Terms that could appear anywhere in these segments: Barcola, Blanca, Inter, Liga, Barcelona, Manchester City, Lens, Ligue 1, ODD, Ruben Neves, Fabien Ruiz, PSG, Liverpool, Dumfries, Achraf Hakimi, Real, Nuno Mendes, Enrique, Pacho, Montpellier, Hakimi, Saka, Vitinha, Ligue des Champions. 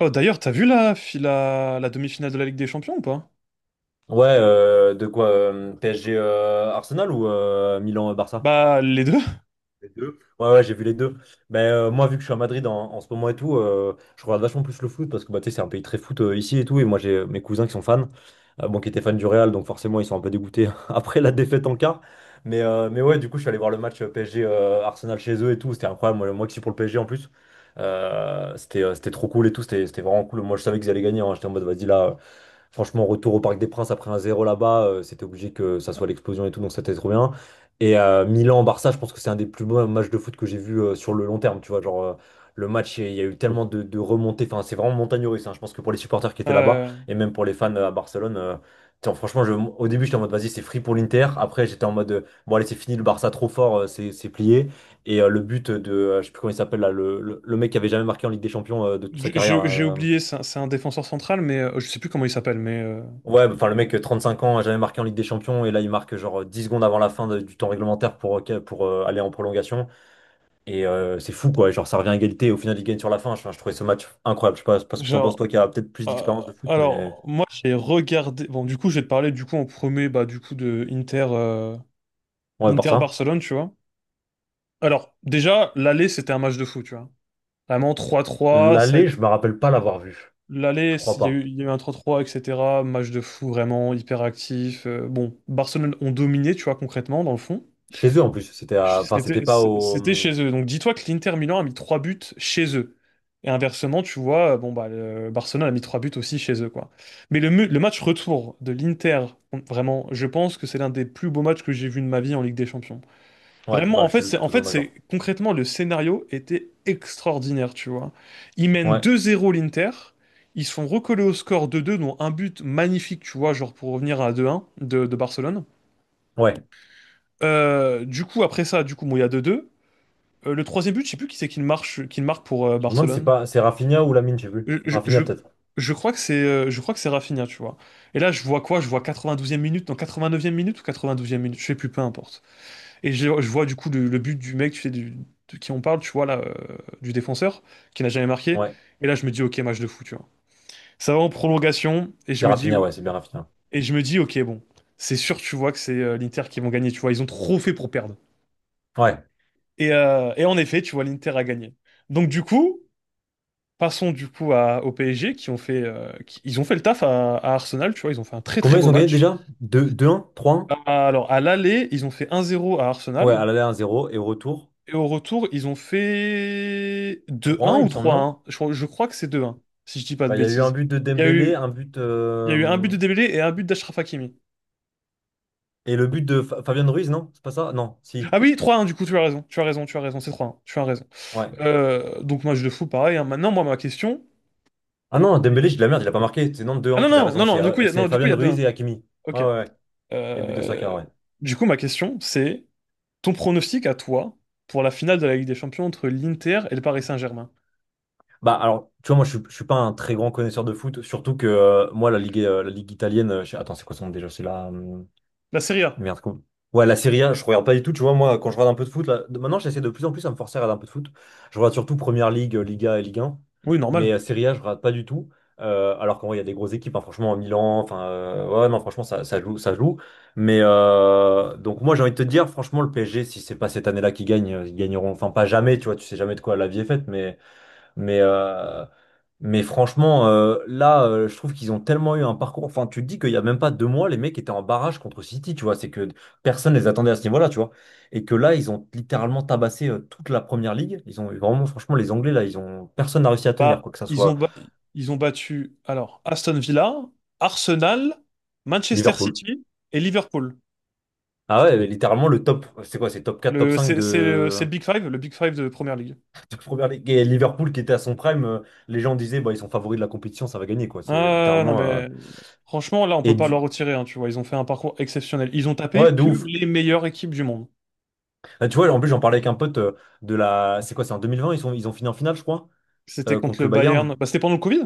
Oh, d'ailleurs, t'as vu la demi-finale de la Ligue des Champions ou pas? Ouais, de quoi, PSG, Arsenal ou Milan, Barça? Bah, les deux. Ouais, ouais, j'ai vu les deux. Mais moi, vu que je suis à Madrid en ce moment et tout, je regarde vachement plus le foot parce que bah, tu sais, c'est un pays très foot ici et tout. Et moi, j'ai mes cousins qui sont fans, bon, qui étaient fans du Real, donc forcément, ils sont un peu dégoûtés après la défaite en quart. Mais ouais, du coup, je suis allé voir le match PSG, Arsenal chez eux et tout. C'était incroyable. Moi qui suis pour le PSG en plus, c'était trop cool et tout. C'était vraiment cool. Moi, je savais qu'ils allaient gagner, hein. J'étais en mode, vas-y là. Franchement, retour au Parc des Princes après un zéro là-bas, c'était obligé que ça soit l'explosion et tout, donc c'était trop bien. Et Milan-Barça, je pense que c'est un des plus beaux matchs de foot que j'ai vu sur le long terme, tu vois. Genre, le match, il y a eu tellement de remontées, enfin, c'est vraiment montagne russe, hein. Je pense que pour les supporters qui étaient là-bas Euh, et même pour les fans à Barcelone, tiens, franchement, au début, j'étais en mode, vas-y, c'est free pour l'Inter. Après, j'étais en mode, bon, allez, c'est fini, le Barça trop fort, c'est plié. Et le but de, je sais plus comment il s'appelle là, le mec qui avait jamais marqué en Ligue des Champions de toute sa j- carrière j'ai là. j'ai oublié, c'est un défenseur central, mais je sais plus comment il s'appelle, mais Ouais, enfin le mec, 35 ans, a jamais marqué en Ligue des Champions, et là il marque genre 10 secondes avant la fin du temps réglementaire pour aller en prolongation. Et c'est fou quoi, genre ça revient à égalité, et au final il gagne sur la fin. Enfin, je trouvais ce match incroyable. Je sais pas, parce que t'en penses genre. toi qui a peut-être plus euh, d'expérience de foot, mais alors, moi, j'ai regardé. Bon, du coup, je vais te parler du coup en premier, bah, du coup, de Inter, ouais, par ça. Inter-Barcelone, tu vois. Alors, déjà, l'aller, c'était un match de fou, tu vois. Vraiment trois trois ça a L'aller, été- je me rappelle pas l'avoir vu. L'aller, Je crois il y a eu, pas. il y a eu un trois 3 etc. Match de fou, vraiment hyper actif. Bon, Barcelone ont dominé, tu vois, concrètement, dans le fond. Chez eux en plus, c'était à... enfin C'était c'était pas au. c'était chez eux. Donc dis-toi que l'Inter Milan a mis trois buts chez eux. Et inversement, tu vois, bon bah le Barcelone a mis trois buts aussi chez eux, quoi. Mais le match retour de l'Inter, vraiment, je pense que c'est l'un des plus beaux matchs que j'ai vu de ma vie en Ligue des Champions. Ouais, Vraiment, bah en je fait, suis c'est en fait totalement c'est d'accord. concrètement le scénario était extraordinaire, tu vois. Ils mènent Ouais, deux zéro l'Inter, ils se font recoller au score 2 deux, dont un but magnifique, tu vois, genre pour revenir à deux un de Barcelone. ouais. Du coup, après ça, du coup, bon, il y a 2-2. Le troisième but, je sais plus qui c'est qui le marque pour Je me demande si c'est Barcelone. pas c'est Rafinha ou Lamine, j'ai vu. Je, je, je- Rafinha peut-être. je crois que c'est je crois que c'est Rafinha, tu vois. Et là, je vois quoi? Je vois 92e minute, non, 89e minute ou 92e minute, je sais plus, peu importe. Je vois du coup le but du mec, tu sais, de qui on parle, tu vois là, du défenseur, qui n'a jamais marqué. Ouais, Et là, je me dis, ok, match de fou, tu vois. Ça va en prolongation, et je c'est me dis, Rafinha, ouais, c'est bien Rafinha. et je me dis, ok, bon, c'est sûr, tu vois que c'est l'Inter qui vont gagner, tu vois. Ils ont trop fait pour perdre. Ouais. Et en effet, tu vois, l'Inter a gagné. Donc du coup. Passons du coup au PSG qui ont fait, ils ont fait le taf à Arsenal, tu vois, ils ont fait un très très Combien ils beau ont gagné match. déjà? 2, 2-1? 3-1? Alors à l'aller, ils ont fait un zéro à Ouais, Arsenal à l'aller 1 zéro et au retour et au retour, ils ont fait deux trois un 1 il ou me semble, trois non? un. Je crois que c'est deux un si je dis pas de Bah, il y a eu un bêtises. but de Il y a Dembélé, eu, un but il y a eu un but de Dembélé et un but d'Achraf Hakimi. et le but de Fabian Ruiz, non? C'est pas ça? Non, si. Ah oui, trois un du coup, tu as raison, tu as raison, tu as raison, c'est trois un, tu as raison. Ouais. Donc match de fou, pareil, hein. Maintenant, moi ma question. Ah non, Dembélé, j'ai de la merde, il a pas marqué. C'est non deux Ah 1 non t'avais non raison. non non, du coup il y a, C'est non du coup il Fabian y a deux Ruiz un. et Hakimi. Ouais, Ok. ouais, ouais. Et but de Euh, Saka, ouais. du coup ma question c'est: ton pronostic à toi pour la finale de la Ligue des Champions entre l'Inter et le Paris Saint-Germain? Bah alors, tu vois, moi je suis pas un très grand connaisseur de foot, surtout que moi la ligue italienne, attends, c'est quoi son nom déjà? C'est là. La Serie A. Merde, com- Ouais, la Serie A, je regarde pas du tout. Tu vois, moi, quand je regarde un peu de foot, maintenant, j'essaie de plus en plus à me forcer à regarder un peu de foot. Je regarde surtout Première Ligue, Liga et Ligue 1. Oui, normal. Mais Serie A, je regarde pas du tout. Alors qu'en vrai, il y a des grosses équipes, hein, franchement, Milan. Enfin, ouais, non, franchement, ça joue, ça joue. Mais donc, moi, j'ai envie de te dire, franchement, le PSG, si c'est pas cette année-là qu'ils gagnent, ils gagneront. Enfin, pas jamais, tu vois, tu sais jamais de quoi la vie est faite. Mais, euh, mais franchement, je trouve qu'ils ont tellement eu un parcours. Enfin, tu te dis qu'il n'y a même pas deux mois, les mecs étaient en barrage contre City, tu vois. C'est que personne les attendait à ce niveau-là, tu vois. Et que là, ils ont littéralement tabassé toute la première ligue. Ils ont vraiment, franchement, les Anglais, là, ils ont personne n'a réussi à tenir, Bah, quoi que ça ils ont soit ba- Ils ont battu alors Aston Villa, Arsenal, Manchester Liverpool. City et Liverpool. Ah ouais, mais littéralement le top, c'est quoi, c'est top 4, top Le 5 c'est le Big Five de Première Ligue. de première ligue. Et Liverpool qui était à son prime, les gens disaient, bah, ils sont favoris de la compétition, ça va gagner, quoi. C'est Ah non littéralement. Mais franchement là on Et peut pas leur du... retirer hein, tu vois, ils ont fait un parcours exceptionnel. Ils ont tapé Ouais, de que ouf. les meilleures équipes du monde. Ah, tu vois, en plus, j'en parlais avec un pote de la. C'est quoi, c'est en 2020, ils sont... ils ont fini en finale, je crois, C'était contre contre le le Bayern. Bayern. Bah, c'était pendant le Covid?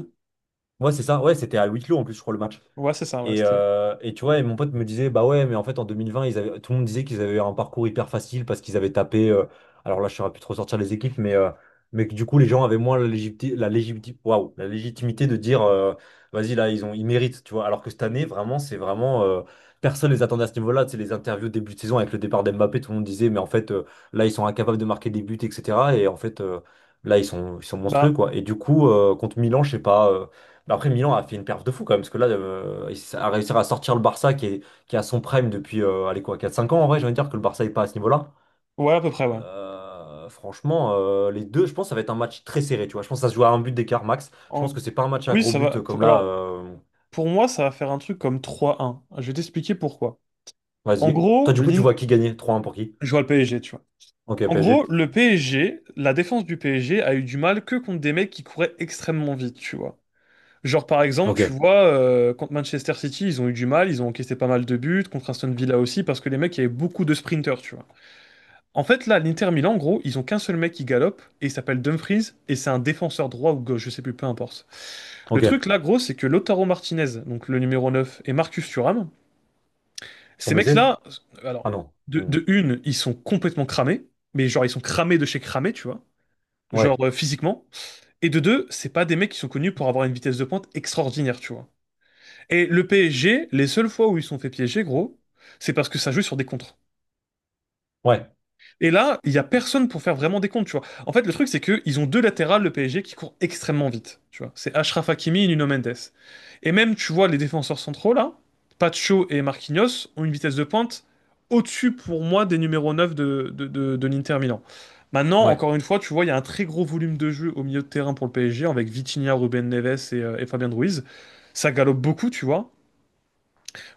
Ouais, c'est ça. Ouais, c'était à huis clos en plus, je crois, le match. Ouais, c'est ça, ouais, Et, c'était. euh, et tu vois, et mon pote me disait, bah ouais, mais en fait en 2020, ils avaient, tout le monde disait qu'ils avaient eu un parcours hyper facile parce qu'ils avaient tapé, alors là je saurais plus trop sortir les équipes, mais mais que du coup les gens avaient moins la légitimité, la légitimité de dire, vas-y là, ils ont, ils méritent, tu vois. Alors que cette année, vraiment, c'est vraiment, personne les attendait à ce niveau-là. Tu sais, les interviews début de saison avec le départ d'Mbappé, tout le monde disait, mais en fait là, ils sont incapables de marquer des buts, etc. Et en fait, là, ils sont monstrueux, Bah quoi. Et du coup, contre Milan, je sais pas. Mais après, Milan a fait une perf de fou quand même, parce que là, il a réussi à sortir le Barça qui est à son prime depuis allez, quoi, quatre cinq ans en vrai, j'ai envie de dire que le Barça n'est pas à ce niveau-là. ouais, à peu près, ouais. Franchement, les deux, je pense que ça va être un match très serré, tu vois. Je pense que ça se joue à un but d'écart max. Je pense En- que c'est pas un match à Oui, gros ça but va. Comme là. Alors, pour moi, ça va faire un truc comme 3-1. Je vais t'expliquer pourquoi. En Vas-y. Toi, gros, du coup, tu l'In- vois qui gagner? Trois un pour qui? je vois le PSG, tu vois. Ok, En gros, PSG. le PSG, la défense du PSG a eu du mal que contre des mecs qui couraient extrêmement vite, tu vois. Genre, par exemple, tu Ok, vois, contre Manchester City, ils ont eu du mal, ils ont encaissé pas mal de buts, contre Aston Villa aussi, parce que les mecs, il y avait beaucoup de sprinters, tu vois. En fait, là, l'Inter Milan, en gros, ils ont qu'un seul mec qui galope, et il s'appelle Dumfries, et c'est un défenseur droit ou gauche, je sais plus, peu importe. Le ok. Ils truc, là, gros, c'est que Lautaro Martinez, donc le numéro 9, et Marcus Thuram, sont ces blessés? mecs-là, Ah alors, non. Hmm. de une, ils sont complètement cramés, mais genre, ils sont cramés de chez cramés, tu vois, genre Ouais, physiquement. Et de deux, c'est pas des mecs qui sont connus pour avoir une vitesse de pointe extraordinaire, tu vois. Et le PSG, les seules fois où ils se sont fait piéger, gros, c'est parce que ça joue sur des contres. ouais, Et là, il y a personne pour faire vraiment des comptes, tu vois. En fait, le truc, c'est que ils ont deux latérales, le PSG, qui courent extrêmement vite, tu vois. C'est Achraf Hakimi et Nuno Mendes. Et même, tu vois, les défenseurs centraux, là, Pacho et Marquinhos, ont une vitesse de pointe au-dessus, pour moi, des numéros 9 de l'Inter Milan. Maintenant, ouais, encore une fois, tu vois, il y a un très gros volume de jeu au milieu de terrain pour le PSG, avec Vitinha, Ruben Neves et Fabien Ruiz. Ça galope beaucoup, tu vois.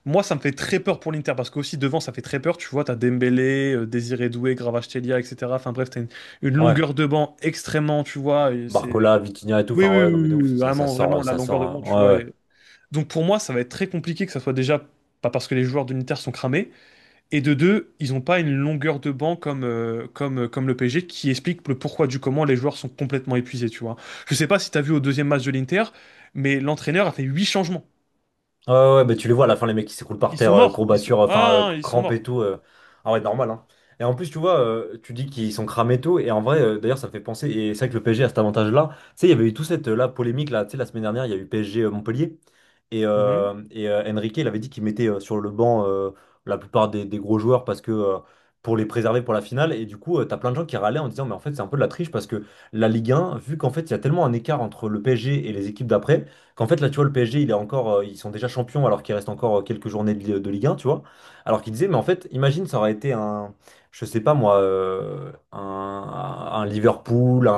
Moi, ça me fait très peur pour l'Inter parce que aussi devant, ça fait très peur. Tu vois, t'as Dembélé, Désiré Doué, Kvaratskhelia, etc. Enfin bref, une ouais. longueur de banc extrêmement, tu vois, et c'est... Barcola, Vitinha et tout, oui, oui, enfin oui, ouais, non mais de oui, ouf, oui, ça vraiment, vraiment sort, la ça longueur de banc, sort. tu vois. Ouais, ouais. Et... donc pour moi, ça va être très compliqué que ça soit déjà pas parce que les joueurs de l'Inter sont cramés et de deux, ils ont pas une longueur de banc comme le PSG, qui explique le pourquoi du comment les joueurs sont complètement épuisés, tu vois. Je sais pas si t'as vu au deuxième match de l'Inter, mais l'entraîneur a fait huit changements. Ouais, ouais, mais tu les vois à la fin, les mecs qui s'écroulent par Ils sont terre, morts. Ils sont, courbature, enfin, ah, ils sont crampe et morts. tout. Ah ouais, normal, hein. Et en plus, tu vois, tu dis qu'ils sont cramés et tout, et en vrai, d'ailleurs, ça me fait penser, et c'est vrai que le PSG a cet avantage-là. Tu sais, il y avait eu toute cette là, polémique, là, tu sais, la semaine dernière, il y a eu PSG Montpellier, et, Mhm. euh, et euh, Enrique, il avait dit qu'il mettait sur le banc la plupart des gros joueurs parce que. Pour les préserver pour la finale et du coup t'as plein de gens qui râlaient en disant mais en fait c'est un peu de la triche parce que la Ligue 1 vu qu'en fait il y a tellement un écart entre le PSG et les équipes d'après qu'en fait, là, tu vois, le PSG, il est encore, ils sont déjà champions alors qu'il reste encore quelques journées de, de Ligue 1, tu vois. Alors qu'il disait, mais en fait, imagine, ça aurait été un, je sais pas moi, un Liverpool,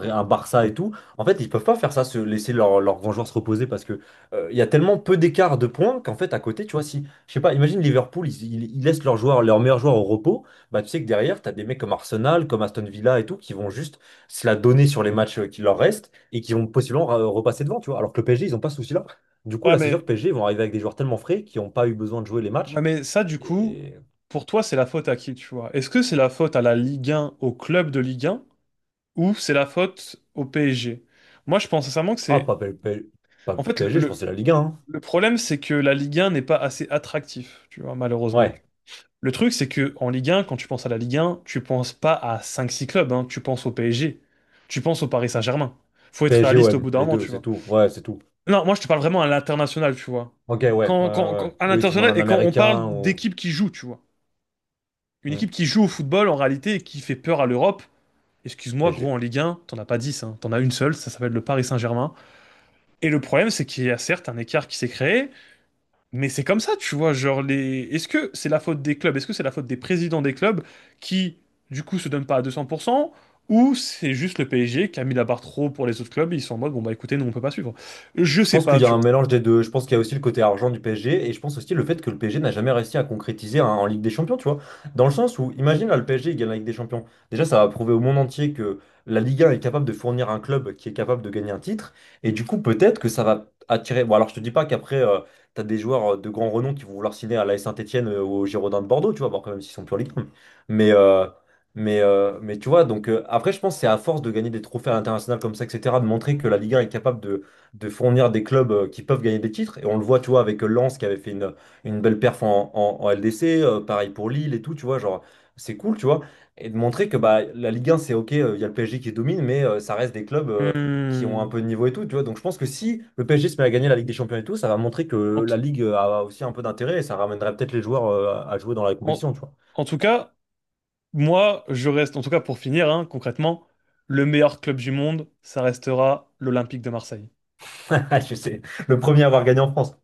un Barça et tout. En fait, ils peuvent pas faire ça, se laisser leurs grands joueurs se reposer parce que il y a tellement peu d'écart de points qu'en fait, à côté, tu vois, si, je sais pas, imagine Liverpool, ils laissent leurs joueurs, leurs meilleurs joueurs au repos, bah tu sais que derrière, t'as des mecs comme Arsenal, comme Aston Villa et tout qui vont juste se la donner sur les matchs qui leur restent et qui vont possiblement repasser devant, tu vois. Alors que le PSG, ils n'ont pas ce souci-là. Du coup, Ouais, là, c'est sûr que mais, PSG, ils vont arriver avec des joueurs tellement frais qui n'ont pas eu besoin de jouer les ouais, matchs. mais ça, du coup, Et... pour toi, c'est la faute à qui, tu vois? Est-ce que c'est la faute à la Ligue 1, au club de Ligue 1, ou c'est la faute au PSG? Moi, je pense sincèrement que Ah, c'est... pas, P- P- pas en fait, PSG, je pensais la Ligue 1, hein. le problème, c'est que la Ligue 1 n'est pas assez attractif, tu vois, malheureusement. Ouais, Le truc, c'est que en Ligue 1, quand tu penses à la Ligue 1, tu penses pas à cinq six clubs, hein, tu penses au PSG, tu penses au Paris Saint-Germain. Faut être réaliste au bout PSG-OM, d'un les moment, deux, tu c'est vois. tout. Ouais, c'est tout. Non, moi, je te parle vraiment à l'international, tu vois. Ok, ouais, ouais, ouais, ouais. À Oui, tu demandes l'international, un et quand on parle Américain ou... d'équipes qui jouent, tu vois. Une Hmm, équipe qui joue au football en réalité et qui fait peur à l'Europe. Excuse-moi, gros, PSG. en Ligue 1, t'en as pas 10, hein. T'en as une seule, ça s'appelle le Paris Saint-Germain. Et le problème, c'est qu'il y a certes un écart qui s'est créé, mais c'est comme ça, tu vois. Genre, les... est-ce que c'est la faute des clubs? Est-ce que c'est la faute des présidents des clubs qui, du coup, se donnent pas à 200%? Ou c'est juste le PSG qui a mis la barre trop haut pour les autres clubs et ils sont en mode, bon, bah écoutez, nous, on peut pas suivre? Je Je sais pense qu'il pas, y a tu un vois. mélange des deux. Je pense qu'il y a aussi le côté argent du PSG et je pense aussi le fait que le PSG n'a jamais réussi à concrétiser en Ligue des Champions, tu vois. Dans le sens où, imagine là, le PSG il gagne la Ligue des Champions. Déjà, ça va prouver au monde entier que la Ligue 1 est capable de fournir un club qui est capable de gagner un titre. Et du coup, peut-être que ça va attirer. Bon, alors je te dis pas qu'après, tu as des joueurs de grand renom qui vont vouloir signer à l'AS Saint-Étienne ou au Girondin de Bordeaux, tu vois, bon, quand même s'ils sont plus en Ligue 1. Mais, euh, mais tu vois, donc après, je pense que c'est à force de gagner des trophées à l'international comme ça, etc., de montrer que la Ligue 1 est capable de fournir des clubs qui peuvent gagner des titres. Et on le voit, tu vois, avec Lens qui avait fait une belle perf en LDC, pareil pour Lille et tout, tu vois, genre, c'est cool, tu vois. Et de montrer que bah, la Ligue 1, c'est OK, il y a le PSG qui domine, mais ça reste des clubs qui ont un Hmm. peu de niveau et tout, tu vois. Donc je pense que si le PSG se met à gagner la Ligue des Champions et tout, ça va montrer que En, t- la Ligue a aussi un peu d'intérêt et ça ramènerait peut-être les joueurs à jouer dans la en- compétition, tu vois. En tout cas, moi, je reste, en tout cas pour finir, hein, concrètement, le meilleur club du monde, ça restera l'Olympique de Marseille. Je sais, le premier à avoir gagné en France.